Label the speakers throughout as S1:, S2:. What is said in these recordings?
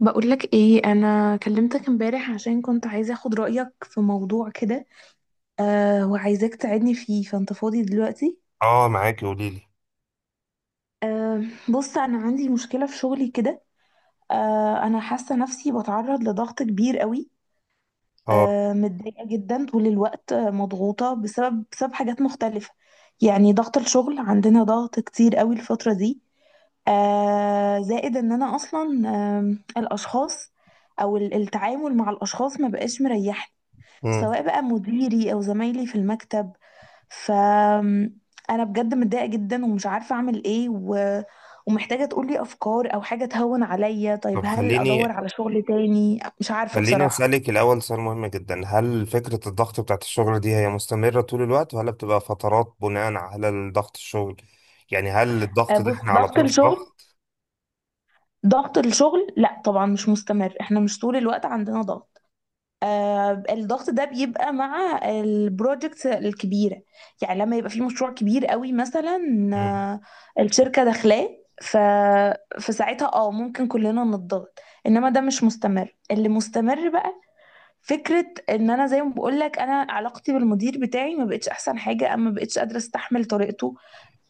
S1: بقولك ايه، انا كلمتك امبارح عشان كنت عايزه اخد رايك في موضوع كده. وعايزاك تساعدني فيه، فانت فاضي دلوقتي؟
S2: اه، معاكي، قولي لي.
S1: أه بص، انا عندي مشكله في شغلي كده. انا حاسه نفسي بتعرض لضغط كبير قوي.
S2: اه.
S1: متضايقه جدا طول الوقت، مضغوطه بسبب حاجات مختلفه. يعني ضغط الشغل عندنا ضغط كتير قوي الفتره دي. زائد ان انا اصلا الاشخاص، او التعامل مع الاشخاص ما بقاش مريحني،
S2: امم.
S1: سواء بقى مديري او زمايلي في المكتب. فانا بجد متضايقه جدا ومش عارفه اعمل ايه. ومحتاجه تقولي افكار او حاجه تهون عليا. طيب،
S2: طب
S1: هل ادور
S2: خليني
S1: على شغل تاني؟ مش عارفه
S2: خليني
S1: بصراحه.
S2: اسالك الاول سؤال مهم جدا، هل فكره الضغط بتاعت الشغل دي هي مستمره طول الوقت ولا بتبقى فترات بناء على ضغط الشغل؟ يعني هل الضغط ده
S1: بص،
S2: احنا على
S1: ضغط
S2: طول في
S1: الشغل
S2: ضغط؟
S1: ضغط الشغل لا طبعا مش مستمر، احنا مش طول الوقت عندنا ضغط. الضغط ده بيبقى مع البروجكت الكبيرة، يعني لما يبقى في مشروع كبير قوي مثلا،
S2: إمم.
S1: الشركة داخلاه. ف... فساعتها ممكن كلنا نتضغط، انما ده مش مستمر. اللي مستمر بقى فكرة ان انا، زي ما بقولك، انا علاقتي بالمدير بتاعي ما بقتش احسن حاجة، اما بقتش قادرة استحمل طريقته.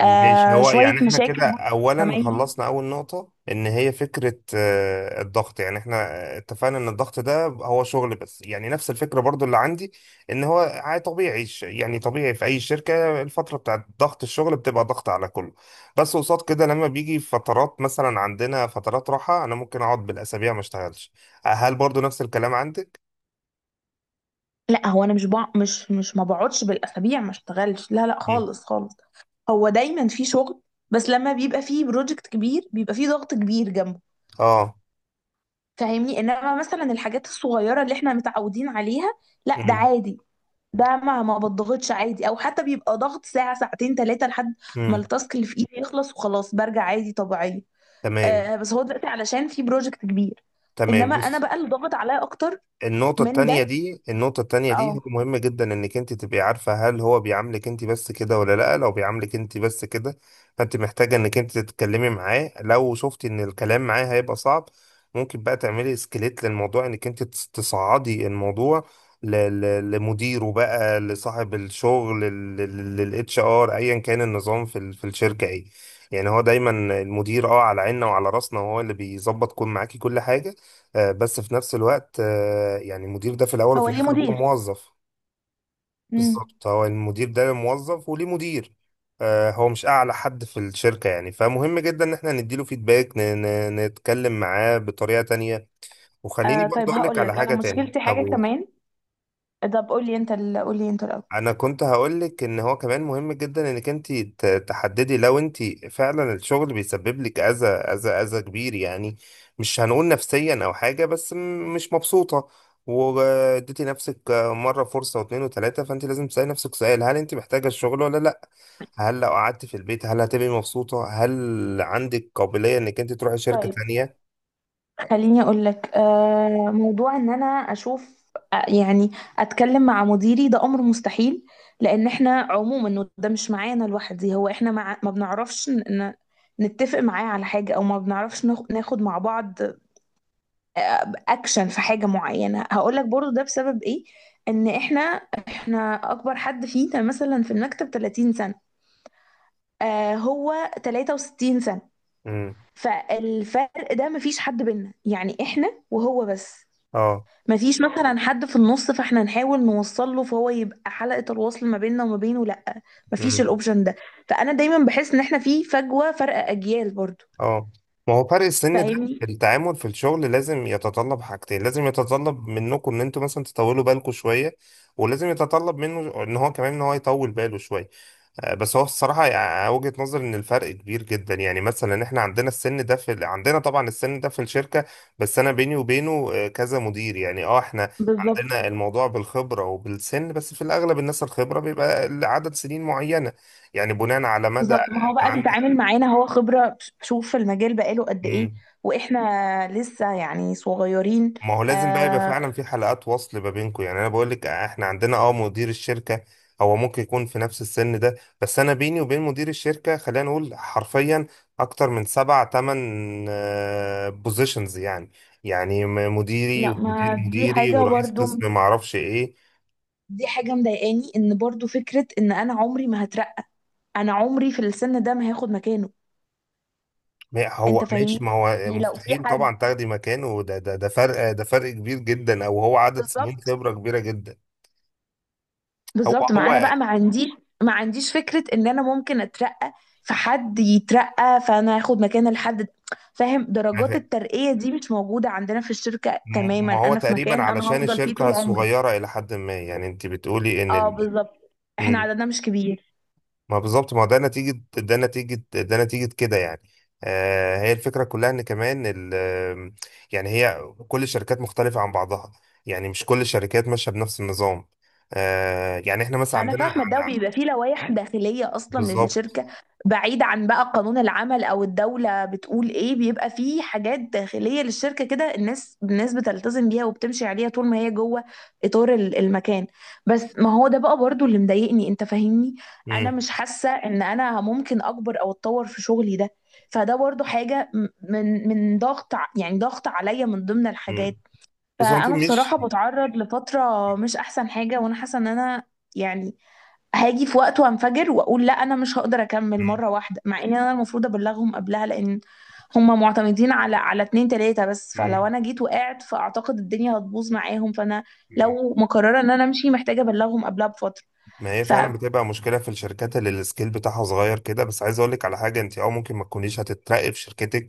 S2: ماشي، هو
S1: شوية
S2: يعني احنا
S1: مشاكل
S2: كده
S1: برضه مع
S2: اولا
S1: زمايلي.
S2: خلصنا اول نقطة ان هي فكرة الضغط، يعني احنا اتفقنا ان الضغط ده هو شغل، بس يعني نفس الفكرة برضو اللي عندي، ان هو عادي طبيعي، يعني طبيعي في اي شركة الفترة بتاعت ضغط الشغل بتبقى ضغط على كله. بس قصاد كده لما بيجي فترات، مثلا عندنا فترات راحة انا ممكن اقعد بالاسابيع ما اشتغلش. هل برضو نفس الكلام عندك؟
S1: لا، هو انا مش بع... مش مش ما بقعدش بالاسابيع ما اشتغلش، لا لا،
S2: مم.
S1: خالص خالص. هو دايما في شغل، بس لما بيبقى فيه بروجكت كبير بيبقى فيه ضغط كبير جنبه،
S2: اه.
S1: فاهمني؟ انما مثلا الحاجات الصغيره اللي احنا متعودين عليها، لا، ده
S2: مم.
S1: عادي، ده ما بضغطش عادي، او حتى بيبقى ضغط ساعه ساعتين ثلاثه لحد ما
S2: مم.
S1: التاسك اللي في ايدي يخلص، وخلاص برجع عادي طبيعيه.
S2: تمام.
S1: بس هو دلوقتي علشان في بروجكت كبير،
S2: تمام،
S1: انما انا
S2: بص،
S1: بقى اللي ضغط عليا اكتر
S2: النقطة
S1: من
S2: التانية
S1: ده.
S2: دي، النقطة التانية دي هو
S1: اه
S2: مهم جدا انك انت تبقي عارفة هل هو بيعاملك انت بس كده ولا لا. لو بيعاملك انت بس كده، فانت محتاجة انك انت تتكلمي معاه. لو شفتي ان الكلام معاه هيبقى صعب، ممكن بقى تعملي اسكليت للموضوع، انك انت تصعدي الموضوع ل- لمديره، بقى لصاحب الشغل، للاتش ار، ايا كان النظام في في الشركة ايه. يعني هو دايما المدير اه على عيننا وعلى راسنا، وهو اللي بيظبط كل معاكي كل حاجة، بس في نفس الوقت، يعني المدير ده في الاول
S1: هو
S2: وفي
S1: ليه
S2: الاخر هو
S1: مدير.
S2: موظف.
S1: مم.
S2: بالظبط، هو المدير ده موظف وليه مدير. هو مش اعلى حد في الشركه يعني، فمهم جدا ان احنا نديله فيدباك، نتكلم معاه بطريقه تانية. وخليني برضه
S1: طيب،
S2: اقول لك
S1: هقول لك
S2: على
S1: انا
S2: حاجه تانية.
S1: مشكلتي
S2: طب
S1: حاجه كمان. طب قول لي انت، الاول.
S2: انا كنت هقولك ان هو كمان مهم جدا انك انت تحددي لو انت فعلا الشغل بيسبب لك اذى، اذى كبير يعني، مش هنقول نفسيا او حاجه، بس مش مبسوطه، واديتي نفسك مره فرصه واثنين وثلاثه، فانت لازم تسالي نفسك سؤال، هل انت محتاجه الشغل ولا لا؟ هل لو قعدت في البيت هل هتبقي مبسوطه؟ هل عندك قابليه انك انت تروحي شركه
S1: طيب
S2: تانية؟
S1: خليني اقول لك، موضوع ان انا اشوف، يعني اتكلم مع مديري، ده امر مستحيل، لان احنا عموما إنه ده مش معانا لوحدي، هو احنا مع، ما بنعرفش نتفق معاه على حاجه، او ما بنعرفش ناخد مع بعض اكشن في حاجه معينه. هقول لك برضو ده بسبب ايه، ان احنا اكبر حد فينا مثلا في المكتب 30 سنه، هو 63 سنه،
S2: امم.
S1: فالفرق ده مفيش حد بينا، يعني احنا وهو بس،
S2: اه.
S1: مفيش مثلا حد في النص فاحنا نحاول نوصل له فهو يبقى حلقة الوصل ما بيننا وما بينه، لا، مفيش الاوبشن ده. فانا دايما بحس ان احنا في فجوة، فرق اجيال برضو،
S2: اه، ما هو فرق السن ده،
S1: فاهمني؟
S2: التعامل في الشغل لازم يتطلب حاجتين، لازم يتطلب منكم ان انتوا مثلا تطولوا بالكم شويه، ولازم يتطلب منه ان هو كمان ان هو يطول باله شويه. بس هو الصراحه وجهه نظري ان الفرق كبير جدا، يعني مثلا احنا عندنا السن ده في عندنا طبعا السن ده في الشركه، بس انا بيني وبينه كذا مدير يعني، اه احنا
S1: بالظبط
S2: عندنا الموضوع بالخبره وبالسن، بس في الاغلب الناس الخبره بيبقى عدد سنين معينه، يعني بناء على مدى
S1: بالظبط، ما هو
S2: انت
S1: بقى
S2: عندك.
S1: بيتعامل معانا هو خبرة، شوف في المجال بقاله قد ايه، واحنا لسه يعني صغيرين.
S2: ما هو لازم بقى يبقى
S1: آه
S2: فعلا في حلقات وصل ما بينكم. يعني انا بقول لك احنا عندنا اه مدير الشركه، هو ممكن يكون في نفس السن ده، بس انا بيني وبين مدير الشركه، خلينا نقول حرفيا، اكتر من سبع تمن بوزيشنز يعني، يعني مديري،
S1: لا،
S2: ومدير
S1: ما دي
S2: مديري،
S1: حاجة
S2: ورئيس
S1: برضو،
S2: قسم، ما اعرفش ايه.
S1: دي حاجة مضايقاني، ان برضو فكرة ان انا عمري ما هترقى، انا عمري في السن ده ما هاخد مكانه،
S2: ما هو
S1: انت فاهمني؟
S2: ماشي، ما هو
S1: يعني لو في
S2: مستحيل طبعا
S1: حد،
S2: تاخدي مكانه، ده فرق، ده فرق كبير جدا، او هو عدد سنين
S1: بالظبط.
S2: خبره كبيره جدا. هو
S1: بالظبط،
S2: هو
S1: ما انا بقى ما عنديش فكرة ان انا ممكن اترقى، فحد يترقى فانا هاخد مكان الحد ده، فاهم؟ درجات الترقية دي مش موجودة عندنا في الشركة تماما،
S2: ما هو
S1: انا في
S2: تقريبا
S1: مكان انا
S2: علشان
S1: هفضل فيه
S2: الشركة
S1: طول عمري.
S2: صغيرة إلى حد ما، يعني أنت بتقولي إن
S1: اه
S2: ال...
S1: بالظبط، احنا
S2: مم.
S1: عددنا مش كبير.
S2: ما بالظبط، ما هو ده نتيجة، ده نتيجة كده يعني. آه، هي الفكرة كلها إن كمان ال... يعني هي، كل الشركات مختلفة عن بعضها، يعني مش كل الشركات ماشية بنفس النظام. آه يعني إحنا مثلا
S1: انا
S2: عندنا
S1: فاهمه
S2: عند...
S1: ده، وبيبقى فيه لوائح داخليه اصلا
S2: بالظبط.
S1: للشركه، بعيد عن بقى قانون العمل او الدوله بتقول ايه، بيبقى فيه حاجات داخليه للشركه كده الناس بتلتزم بيها وبتمشي عليها طول ما هي جوه اطار المكان. بس ما هو ده بقى برضو اللي مضايقني، انت فاهمني؟ انا
S2: مم.
S1: مش حاسه ان انا ممكن اكبر او اتطور في شغلي ده، فده برضو حاجه من ضغط، يعني ضغط عليا من ضمن
S2: مم.
S1: الحاجات.
S2: بس هو أنت
S1: فانا
S2: مش...
S1: بصراحه بتعرض لفتره مش احسن حاجه، وانا حاسه ان انا يعني هاجي في وقت وانفجر واقول لا، انا مش هقدر اكمل مره واحده، مع ان انا المفروض ابلغهم قبلها، لان هما معتمدين على اتنين تلاته بس، فلو
S2: مم.
S1: انا جيت وقعت فاعتقد الدنيا هتبوظ معاهم. فانا
S2: مم.
S1: لو مقرره ان انا امشي محتاجه ابلغهم قبلها بفتره.
S2: ما هي فعلا
S1: فعلى
S2: بتبقى مشكلة في الشركات اللي السكيل بتاعها صغير كده، بس عايز اقول لك على حاجة، انت او ممكن ما تكونيش هتترقي في شركتك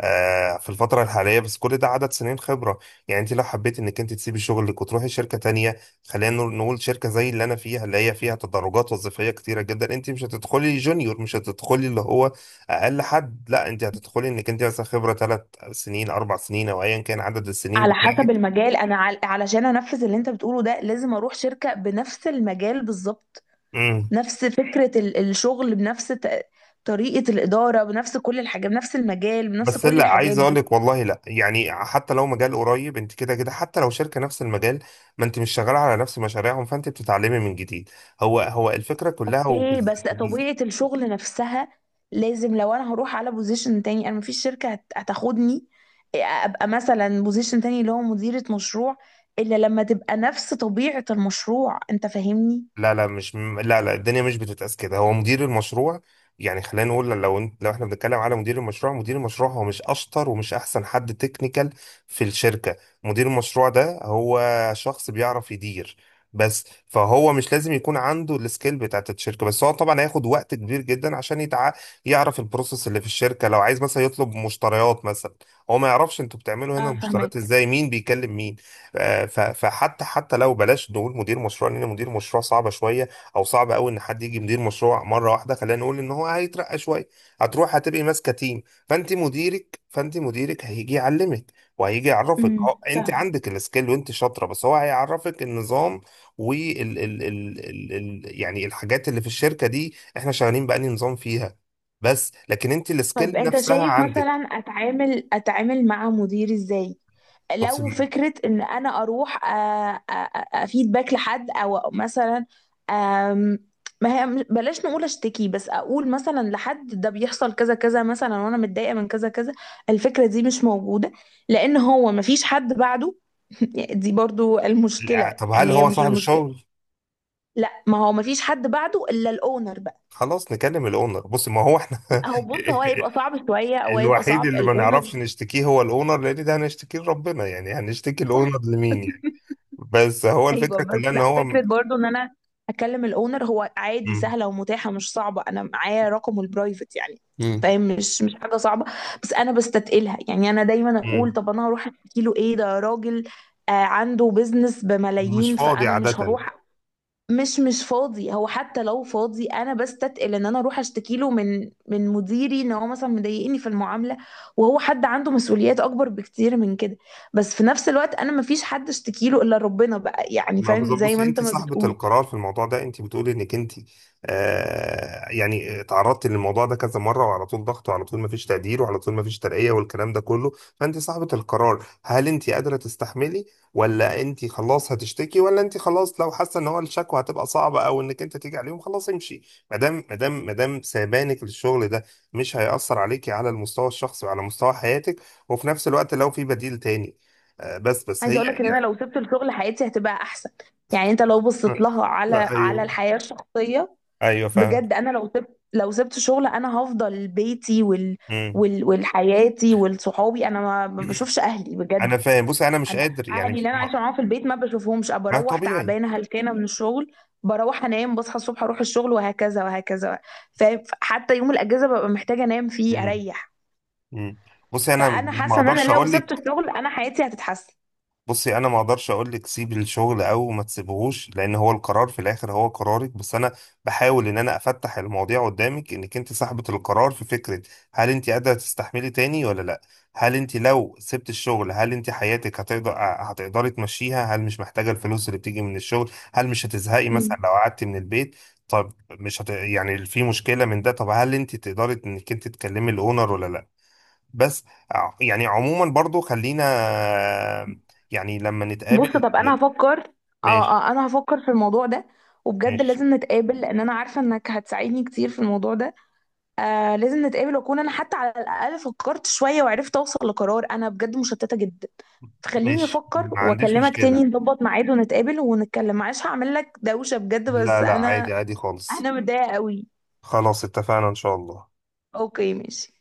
S2: في الفترة الحالية، بس كل ده عدد سنين خبرة، يعني انت لو حبيت انك انت تسيبي شغلك وتروحي شركة تانية، خلينا نقول شركة زي اللي انا فيها، اللي هي فيها تدرجات وظيفية كتيرة جدا، انت مش هتدخلي جونيور، مش هتدخلي اللي هو اقل حد، لا انت هتدخلي انك انت مثلا خبرة ثلاث سنين، اربع سنين، او ايا كان عدد السنين
S1: حسب المجال، انا علشان انفذ اللي انت بتقوله ده لازم اروح شركه بنفس المجال بالظبط،
S2: بتاعك.
S1: نفس فكره الشغل، بنفس طريقه الاداره، بنفس كل الحاجات، بنفس المجال، بنفس
S2: بس
S1: كل
S2: لا، عايز
S1: الحاجات
S2: اقول
S1: دي.
S2: لك، والله لا، يعني حتى لو مجال قريب، انت كده كده حتى لو شركه نفس المجال، ما انت مش شغاله على نفس مشاريعهم، فانت بتتعلمي من جديد. هو الفكره كلها،
S1: اوكي، بس
S2: وبالذات
S1: طبيعة الشغل نفسها لازم، لو انا هروح على بوزيشن تاني، انا مفيش شركة هتاخدني ابقى مثلا بوزيشن تاني اللي هو مديرة مشروع، الا لما تبقى نفس طبيعة المشروع، انت فاهمني؟
S2: لا، الدنيا مش بتتقاس كده. هو مدير المشروع، يعني خلينا نقول، لو انت لو احنا بنتكلم على مدير المشروع، مدير المشروع هو مش اشطر ومش احسن حد تكنيكال في الشركة، مدير المشروع ده هو شخص بيعرف يدير بس، فهو مش لازم يكون عنده السكيل بتاعت الشركة، بس هو طبعا هياخد وقت كبير جدا عشان يعرف البروسيس اللي في الشركة، لو عايز مثلا يطلب مشتريات مثلا، هو ما يعرفش انتوا بتعملوا هنا
S1: انا
S2: المشتريات
S1: فاهمك.
S2: ازاي، مين بيكلم مين. فحتى، حتى لو بلاش نقول مدير مشروع، لان مدير مشروع صعبه شويه، او صعب قوي ان حد يجي مدير مشروع مره واحده، خلينا نقول ان هو هيترقى شويه، هتروح هتبقي ماسكه تيم، فانت مديرك هيجي يعلمك، وهيجي يعرفك،
S1: امم.
S2: هو انت
S1: فاهم.
S2: عندك السكيل وانت شاطره، بس هو هيعرفك النظام وال ال ال ال ال يعني الحاجات اللي في الشركه دي احنا شغالين بأني نظام فيها، بس لكن انت
S1: طيب
S2: السكيل
S1: انت
S2: نفسها
S1: شايف
S2: عندك.
S1: مثلا اتعامل مع مديري ازاي؟
S2: بس
S1: لو
S2: ال-
S1: فكرة إن أنا أروح، آه، آه، آه، أفيد باك لحد أو مثلا، آم، ما هي بلاش نقول أشتكي، بس أقول مثلا لحد ده بيحصل كذا كذا مثلا، وأنا متضايقة من كذا كذا. الفكرة دي مش موجودة، لأن هو مفيش حد بعده. دي برضو المشكلة،
S2: طب
S1: يعني
S2: هل
S1: هي
S2: هو
S1: مش
S2: صاحب
S1: المشكلة.
S2: الشغل؟
S1: لا، ما هو مفيش حد بعده إلا الأونر بقى.
S2: خلاص نكلم الاونر. بص ما هو احنا
S1: بص، هو هيبقى صعب شوية، أو هيبقى
S2: الوحيد
S1: صعب،
S2: اللي ما
S1: الأونر.
S2: نعرفش نشتكيه هو الاونر، لان ده هنشتكيه لربنا، يعني هنشتكي الاونر لمين يعني. بس هو
S1: ايوه،
S2: الفكرة
S1: بس
S2: كلها ان
S1: لا،
S2: هو
S1: فكره برضو ان انا اكلم الاونر هو عادي،
S2: م-
S1: سهله ومتاحه مش صعبه، انا معايا رقمه البرايفت يعني،
S2: م-
S1: فاهم؟ مش حاجه صعبه، بس انا بستتقلها، يعني انا دايما اقول طب انا هروح احكي له ايه؟ ده راجل عنده بيزنس
S2: مش
S1: بملايين،
S2: فاضي
S1: فانا مش
S2: عادة.
S1: هروح. مش فاضي، هو حتى لو فاضي، انا بستتقل ان انا اروح اشتكي له من مديري ان هو مثلا مضايقني في المعامله، وهو حد عنده مسؤوليات اكبر بكتير من كده. بس في نفس الوقت انا ما فيش حد اشتكي له الا ربنا بقى، يعني
S2: ما
S1: فاهم
S2: بالظبط،
S1: زي ما
S2: بصي
S1: انت
S2: انت
S1: ما
S2: صاحبة
S1: بتقول.
S2: القرار في الموضوع ده، انت بتقولي انك انت آه يعني اتعرضتي للموضوع ده كذا مرة، وعلى طول ضغط، وعلى طول ما فيش تقدير، وعلى طول ما فيش ترقية، والكلام ده كله، فانت صاحبة القرار، هل انت قادرة تستحملي ولا انت خلاص هتشتكي، ولا انت خلاص لو حاسة ان هو الشكوى هتبقى صعبة او انك انت تيجي عليهم، خلاص امشي. ما دام سابانك للشغل ده مش هيأثر عليكي على المستوى الشخصي وعلى مستوى حياتك، وفي نفس الوقت لو في بديل تاني. آه، بس
S1: عايزه
S2: هي
S1: اقول لك ان انا
S2: يعني
S1: لو سبت الشغل حياتي هتبقى احسن، يعني انت لو بصيت لها على
S2: ايوه.
S1: الحياه الشخصيه،
S2: ايوه فاهم.
S1: بجد، انا لو سبت شغل انا هفضل بيتي
S2: امم.
S1: والحياتي والصحابي، انا ما بشوفش اهلي
S2: انا
S1: بجد.
S2: فاهم، بص انا مش
S1: انا،
S2: قادر يعني،
S1: اهلي
S2: مش
S1: اللي انا عايشه
S2: ما,
S1: معاهم في البيت ما بشوفهمش، أبقى
S2: ما
S1: بروح
S2: طبيعي.
S1: تعبانه هلكانه من الشغل، بروح انام، بصحى الصبح اروح الشغل، وهكذا وهكذا. فحتى يوم الاجازه ببقى محتاجه انام فيه
S2: امم.
S1: اريح.
S2: امم. بص انا
S1: فانا
S2: ما
S1: حاسه ان
S2: اقدرش
S1: انا لو
S2: اقول
S1: سبت
S2: لك،
S1: الشغل انا حياتي هتتحسن.
S2: بصي انا ما اقدرش اقول لك سيبي الشغل او ما تسيبهوش، لان هو القرار في الاخر هو قرارك، بس انا بحاول ان انا افتح المواضيع قدامك، انك انت صاحبة القرار في فكرة، هل انت قادرة تستحملي تاني ولا لا؟ هل انت لو سبت الشغل هل انت حياتك هتقدر، هتقدري تمشيها؟ هل مش محتاجة الفلوس اللي بتيجي من الشغل؟ هل مش هتزهقي مثلا
S1: مم.
S2: لو قعدتي من البيت؟ طب مش يعني في مشكلة من ده؟ طب هل انت تقدري انك انت تكلمي الاونر ولا لا؟ بس يعني عموما برضو خلينا يعني لما
S1: بص،
S2: نتقابل.
S1: طب انا هفكر. اه اه
S2: ماشي
S1: انا هفكر في الموضوع ده، وبجد
S2: ماشي
S1: لازم نتقابل، لان انا عارفه انك هتساعدني كتير في الموضوع ده. لازم نتقابل، واكون انا حتى على الاقل فكرت شويه، وعرفت اوصل لقرار، انا بجد مشتته جدا. فخليني
S2: ماشي،
S1: افكر
S2: ما عنديش
S1: واكلمك تاني،
S2: مشكلة.
S1: نظبط ميعاد ونتقابل ونتكلم. معلش هعمل لك دوشه بجد،
S2: لا
S1: بس
S2: لا، عادي، عادي خالص.
S1: انا متضايقه قوي.
S2: خلاص اتفقنا، إن شاء الله.
S1: اوكي ماشي.